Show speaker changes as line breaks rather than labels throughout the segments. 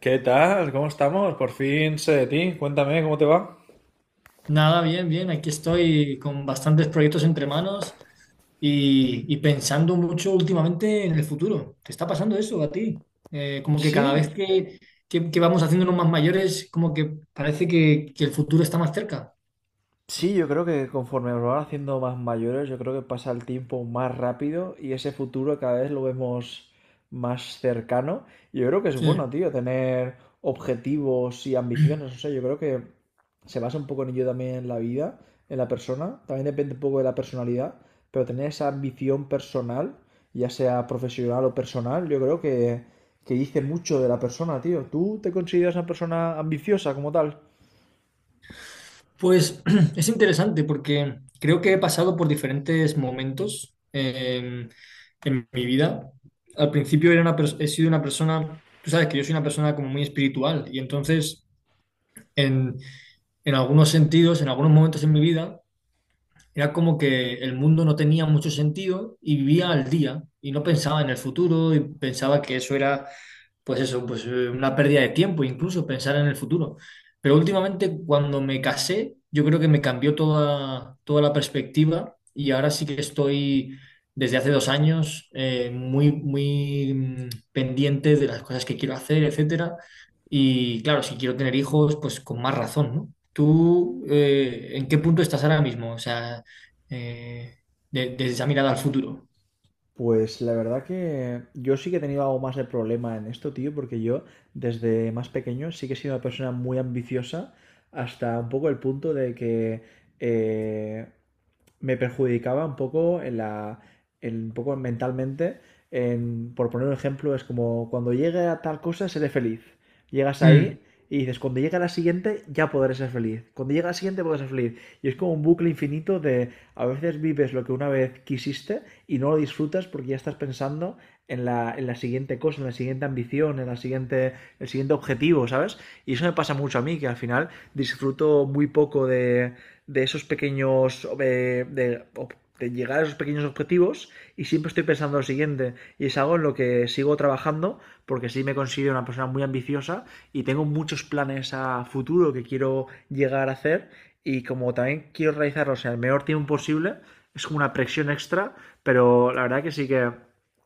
¿Qué tal? ¿Cómo estamos? Por fin sé de ti. Cuéntame, ¿cómo te va?
Nada, bien, bien. Aquí estoy con bastantes proyectos entre manos y pensando mucho últimamente en el futuro. ¿Te está pasando eso a ti? Como que cada
Sí.
vez que, que, que vamos haciéndonos más mayores, como que parece que el futuro está más cerca.
Sí, yo creo que conforme nos van haciendo más mayores, yo creo que pasa el tiempo más rápido y ese futuro cada vez lo vemos más cercano. Yo creo que es bueno,
Sí.
tío, tener objetivos y ambiciones. O sea, yo creo que se basa un poco en ello también en la vida, en la persona. También depende un poco de la personalidad, pero tener esa ambición personal, ya sea profesional o personal, yo creo que dice mucho de la persona, tío. ¿Tú te consideras una persona ambiciosa como tal?
Pues es interesante porque creo que he pasado por diferentes momentos en mi vida. Al principio he sido una persona. Tú sabes que yo soy una persona como muy espiritual y entonces, en, en algunos sentidos, en algunos momentos en mi vida, era como que el mundo no tenía mucho sentido y vivía al día y no pensaba en el futuro, y pensaba que eso era, pues eso, pues una pérdida de tiempo, incluso pensar en el futuro. Pero últimamente, cuando me casé, yo creo que me cambió toda la perspectiva, y ahora sí que estoy desde hace dos años muy pendiente de las cosas que quiero hacer, etcétera. Y claro, si quiero tener hijos, pues con más razón, ¿no? ¿Tú en qué punto estás ahora mismo? O sea, eh, desde esa mirada al futuro.
Pues la verdad que yo sí que he tenido algo más de problema en esto, tío, porque yo desde más pequeño sí que he sido una persona muy ambiciosa hasta un poco el punto de que eh, me perjudicaba un poco en un poco mentalmente. Por poner un ejemplo, es como cuando llegue a tal cosa, seré feliz. Llegas
Mm.
ahí y dices, cuando llegue a la siguiente, ya podré ser feliz. Cuando llegue a la siguiente, podré ser feliz. Y es como un bucle infinito de a veces vives lo que una vez quisiste y no lo disfrutas porque ya estás pensando en la siguiente cosa, en la siguiente ambición, en la siguiente, el siguiente objetivo, ¿sabes? Y eso me pasa mucho a mí, que al final disfruto muy poco de esos pequeños, de llegar a esos pequeños objetivos y siempre estoy pensando lo siguiente y es algo en lo que sigo trabajando porque sí me considero una persona muy ambiciosa y tengo muchos planes a futuro que quiero llegar a hacer y como también quiero realizarlos en el menor tiempo posible, es como una presión extra, pero la verdad que sí que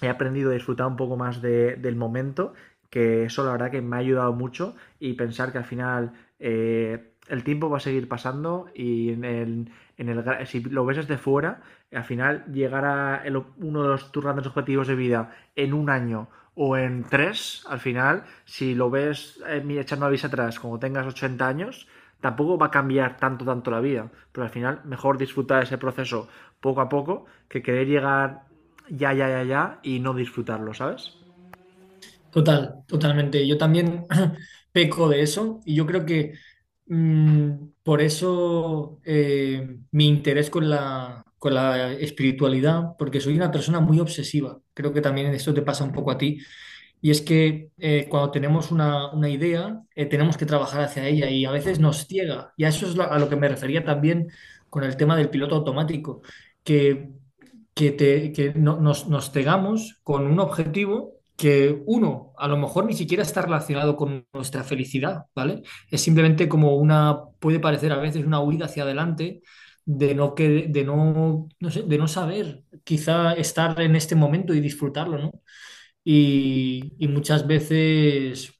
he aprendido a disfrutar un poco más del momento, que eso la verdad que me ha ayudado mucho, y pensar que al final el tiempo va a seguir pasando y en el, si lo ves desde fuera, al final llegar a uno de tus grandes objetivos de vida en un año o en tres, al final, si lo ves mira, echando la vista atrás cuando tengas 80 años, tampoco va a cambiar tanto, tanto la vida. Pero al final, mejor disfrutar ese proceso poco a poco que querer llegar ya, ya, ya, ya y no disfrutarlo, ¿sabes?
Total, totalmente. Yo también peco de eso, y yo creo que mm, por eso, mi interés con con la espiritualidad, porque soy una persona muy obsesiva. Creo que también esto te pasa un poco a ti. Y es que cuando tenemos una idea, tenemos que trabajar hacia ella y a veces nos ciega. Y a eso es a lo que me refería también con el tema del piloto automático, que, que nos cegamos con un objetivo que uno, a lo mejor ni siquiera está relacionado con nuestra felicidad, ¿vale? Es simplemente como una, puede parecer a veces una huida hacia adelante de no, que, de no, no sé, de no saber quizá estar en este momento y disfrutarlo, ¿no? Y muchas veces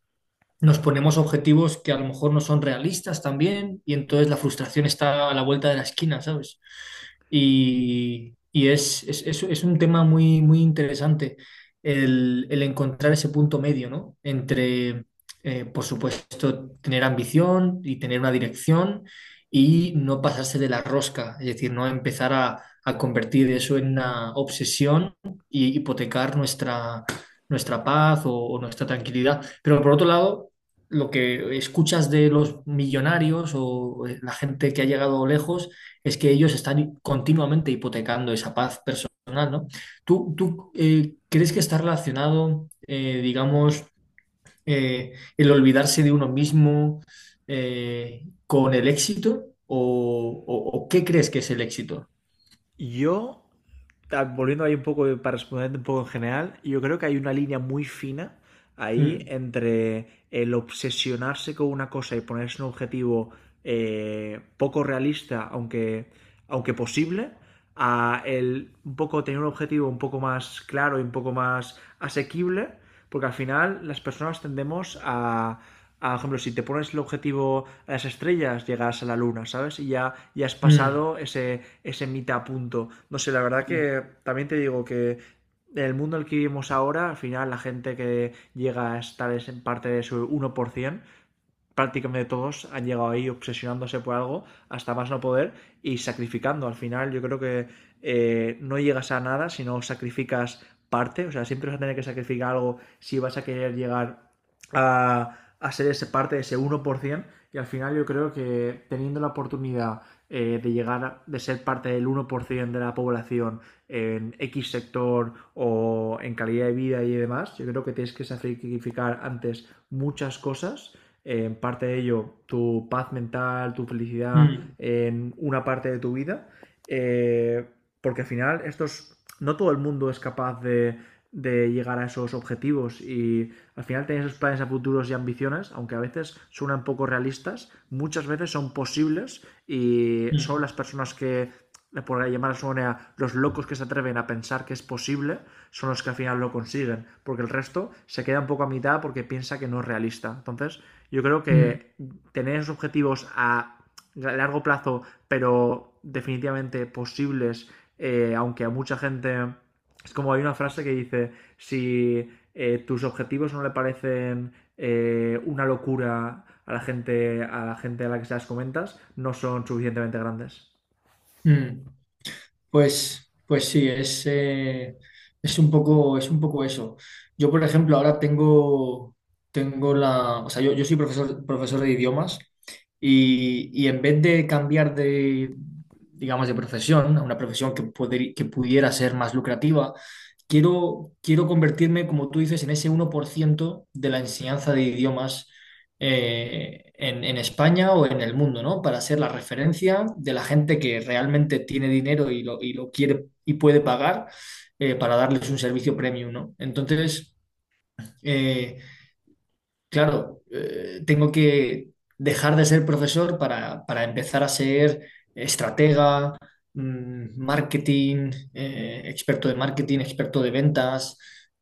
nos ponemos objetivos que a lo mejor no son realistas también, y entonces la frustración está a la vuelta de la esquina, ¿sabes? Y es un tema muy interesante el encontrar ese punto medio, ¿no? Entre, por supuesto, tener ambición y tener una dirección, y no pasarse de la rosca, es decir, no empezar a convertir eso en una obsesión y hipotecar nuestra paz o nuestra tranquilidad. Pero por otro lado, lo que escuchas de los millonarios o la gente que ha llegado lejos es que ellos están continuamente hipotecando esa paz personal, ¿no? ¿Tú crees que está relacionado, digamos, el olvidarse de uno mismo con el éxito? ¿O, o qué crees que es el éxito?
Yo, volviendo ahí un poco, para responder un poco en general, yo creo que hay una línea muy fina ahí
Mm,
entre el obsesionarse con una cosa y ponerse un objetivo poco realista, aunque posible, a el un poco tener un objetivo un poco más claro y un poco más asequible, porque al final las personas tendemos a por ejemplo, si te pones el objetivo a las estrellas, llegas a la luna, ¿sabes? Y ya, ya has
mm,
pasado ese mitad punto. No sé, la verdad
mm,
que también te digo que en el mundo en el que vivimos ahora, al final la gente que llega a estar en parte de su 1%, prácticamente todos han llegado ahí obsesionándose por algo hasta más no poder y sacrificando. Al final yo creo que no llegas a nada si no sacrificas parte, o sea, siempre vas a tener que sacrificar algo si vas a querer llegar a ser ese parte ese uno por 1%, y al final yo creo que teniendo la oportunidad de llegar, de ser parte del 1% de la población en X sector o en calidad de vida y demás, yo creo que tienes que sacrificar antes muchas cosas, en parte de ello tu paz mental, tu felicidad
mm,
en una parte de tu vida. eh, Porque al final estos, no todo el mundo es capaz de llegar a esos objetivos y al final tener esos planes a futuros y ambiciones, aunque a veces suenan poco realistas, muchas veces son posibles y
mm,
son las personas que, por llamar a su manera, los locos que se atreven a pensar que es posible son los que al final lo consiguen, porque el resto se queda un poco a mitad porque piensa que no es realista. Entonces, yo creo
mm,
que tener esos objetivos a largo plazo, pero definitivamente posibles, aunque a mucha gente... Es como hay una frase que dice, si tus objetivos no le parecen una locura a la gente a la que se las comentas, no son suficientemente grandes.
mm. Pues sí, es un poco eso. Yo, por ejemplo, ahora tengo, tengo la, o sea, yo soy profesor, profesor de idiomas, y en vez de cambiar de, digamos, de profesión, a una profesión que, que pudiera ser más lucrativa, quiero convertirme, como tú dices, en ese uno por ciento de la enseñanza de idiomas, en España o en el mundo, ¿no? Para ser la referencia de la gente que realmente tiene dinero y y lo quiere y puede pagar, para darles un servicio premium, ¿no? Entonces, eh, claro, tengo que dejar de ser profesor para empezar a ser estratega, marketing, experto de marketing, experto de ventas,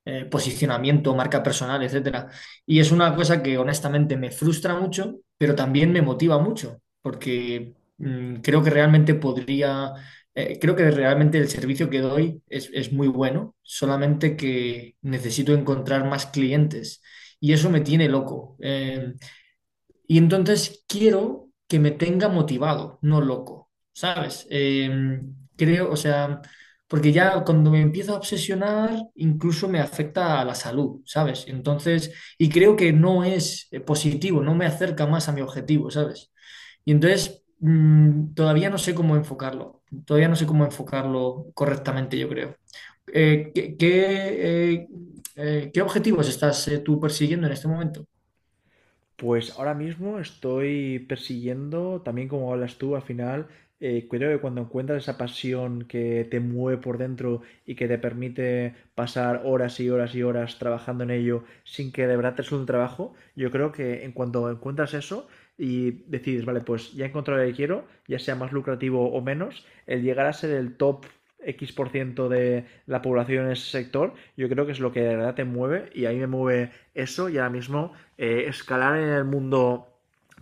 posicionamiento, marca personal, etcétera. Y es una cosa que honestamente me frustra mucho, pero también me motiva mucho, porque creo que realmente podría, creo que realmente el servicio que doy es muy bueno, solamente que necesito encontrar más clientes, y eso me tiene loco. Y entonces quiero que me tenga motivado, no loco, ¿sabes? Creo, o sea, porque ya cuando me empiezo a obsesionar, incluso me afecta a la salud, ¿sabes? Entonces, creo que no es positivo, no me acerca más a mi objetivo, ¿sabes? Y entonces, todavía no sé cómo enfocarlo, todavía no sé cómo enfocarlo correctamente, yo creo. Eh, ¿qué, qué, eh, ¿Qué objetivos estás tú persiguiendo en este momento?
Pues ahora mismo estoy persiguiendo, también como hablas tú, al final, creo que cuando encuentras esa pasión que te mueve por dentro y que te permite pasar horas y horas y horas trabajando en ello sin que de verdad te resulte un trabajo, yo creo que en cuanto encuentras eso y decides, vale, pues ya he encontrado lo que quiero, ya sea más lucrativo o menos, el llegar a ser el top X% por ciento de la población en ese sector, yo creo que es lo que de verdad te mueve y a mí me mueve eso. Y ahora mismo escalar en el mundo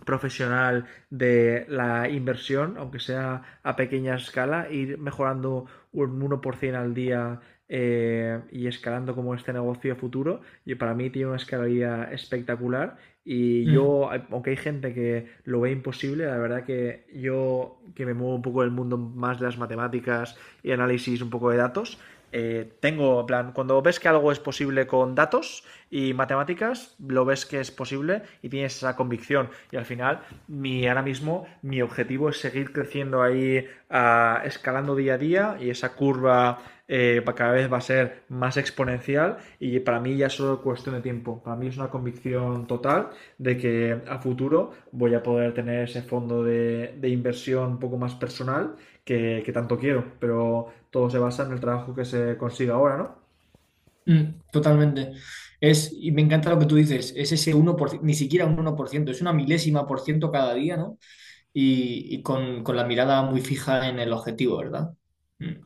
profesional de la inversión, aunque sea a pequeña escala, ir mejorando un 1% al día y escalando como este negocio futuro. Y para mí tiene una escalabilidad espectacular. Y
Mm,
yo, aunque hay gente que lo ve imposible, la verdad que yo, que me muevo un poco del mundo más de las matemáticas y análisis un poco de datos, tengo, en plan, cuando ves que algo es posible con datos y matemáticas, lo ves que es posible y tienes esa convicción. Y al final, ahora mismo, mi objetivo es seguir creciendo ahí, escalando día a día, y esa curva cada vez va a ser más exponencial y para mí ya es solo cuestión de tiempo. Para mí es una convicción total de que a futuro voy a poder tener ese fondo de inversión un poco más personal que tanto quiero, pero todo se basa en el trabajo que se consiga ahora, ¿no?
mm, totalmente. Es, y me encanta lo que tú dices, es ese 1%, ni siquiera un uno por ciento, es una milésima por ciento cada día, ¿no? Y con la mirada muy fija en el objetivo, ¿verdad? Mm,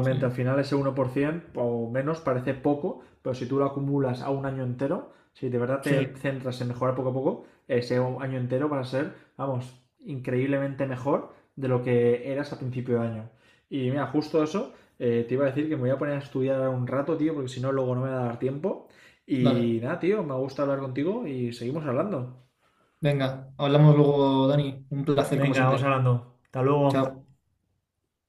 sí.
al final ese 1% o menos parece poco, pero si tú lo acumulas a un año entero, si de verdad te
Sí.
centras en mejorar poco a poco, ese año entero va a ser, vamos, increíblemente mejor de lo que eras a principio de año. Y mira, justo eso, te iba a decir que me voy a poner a estudiar un rato, tío, porque si no, luego no me va a dar tiempo.
Dale,
Y nada, tío, me gusta hablar contigo y seguimos hablando.
venga, hablamos luego, Dani. Un placer, como
Venga, vamos
siempre.
hablando. Hasta luego.
Chao.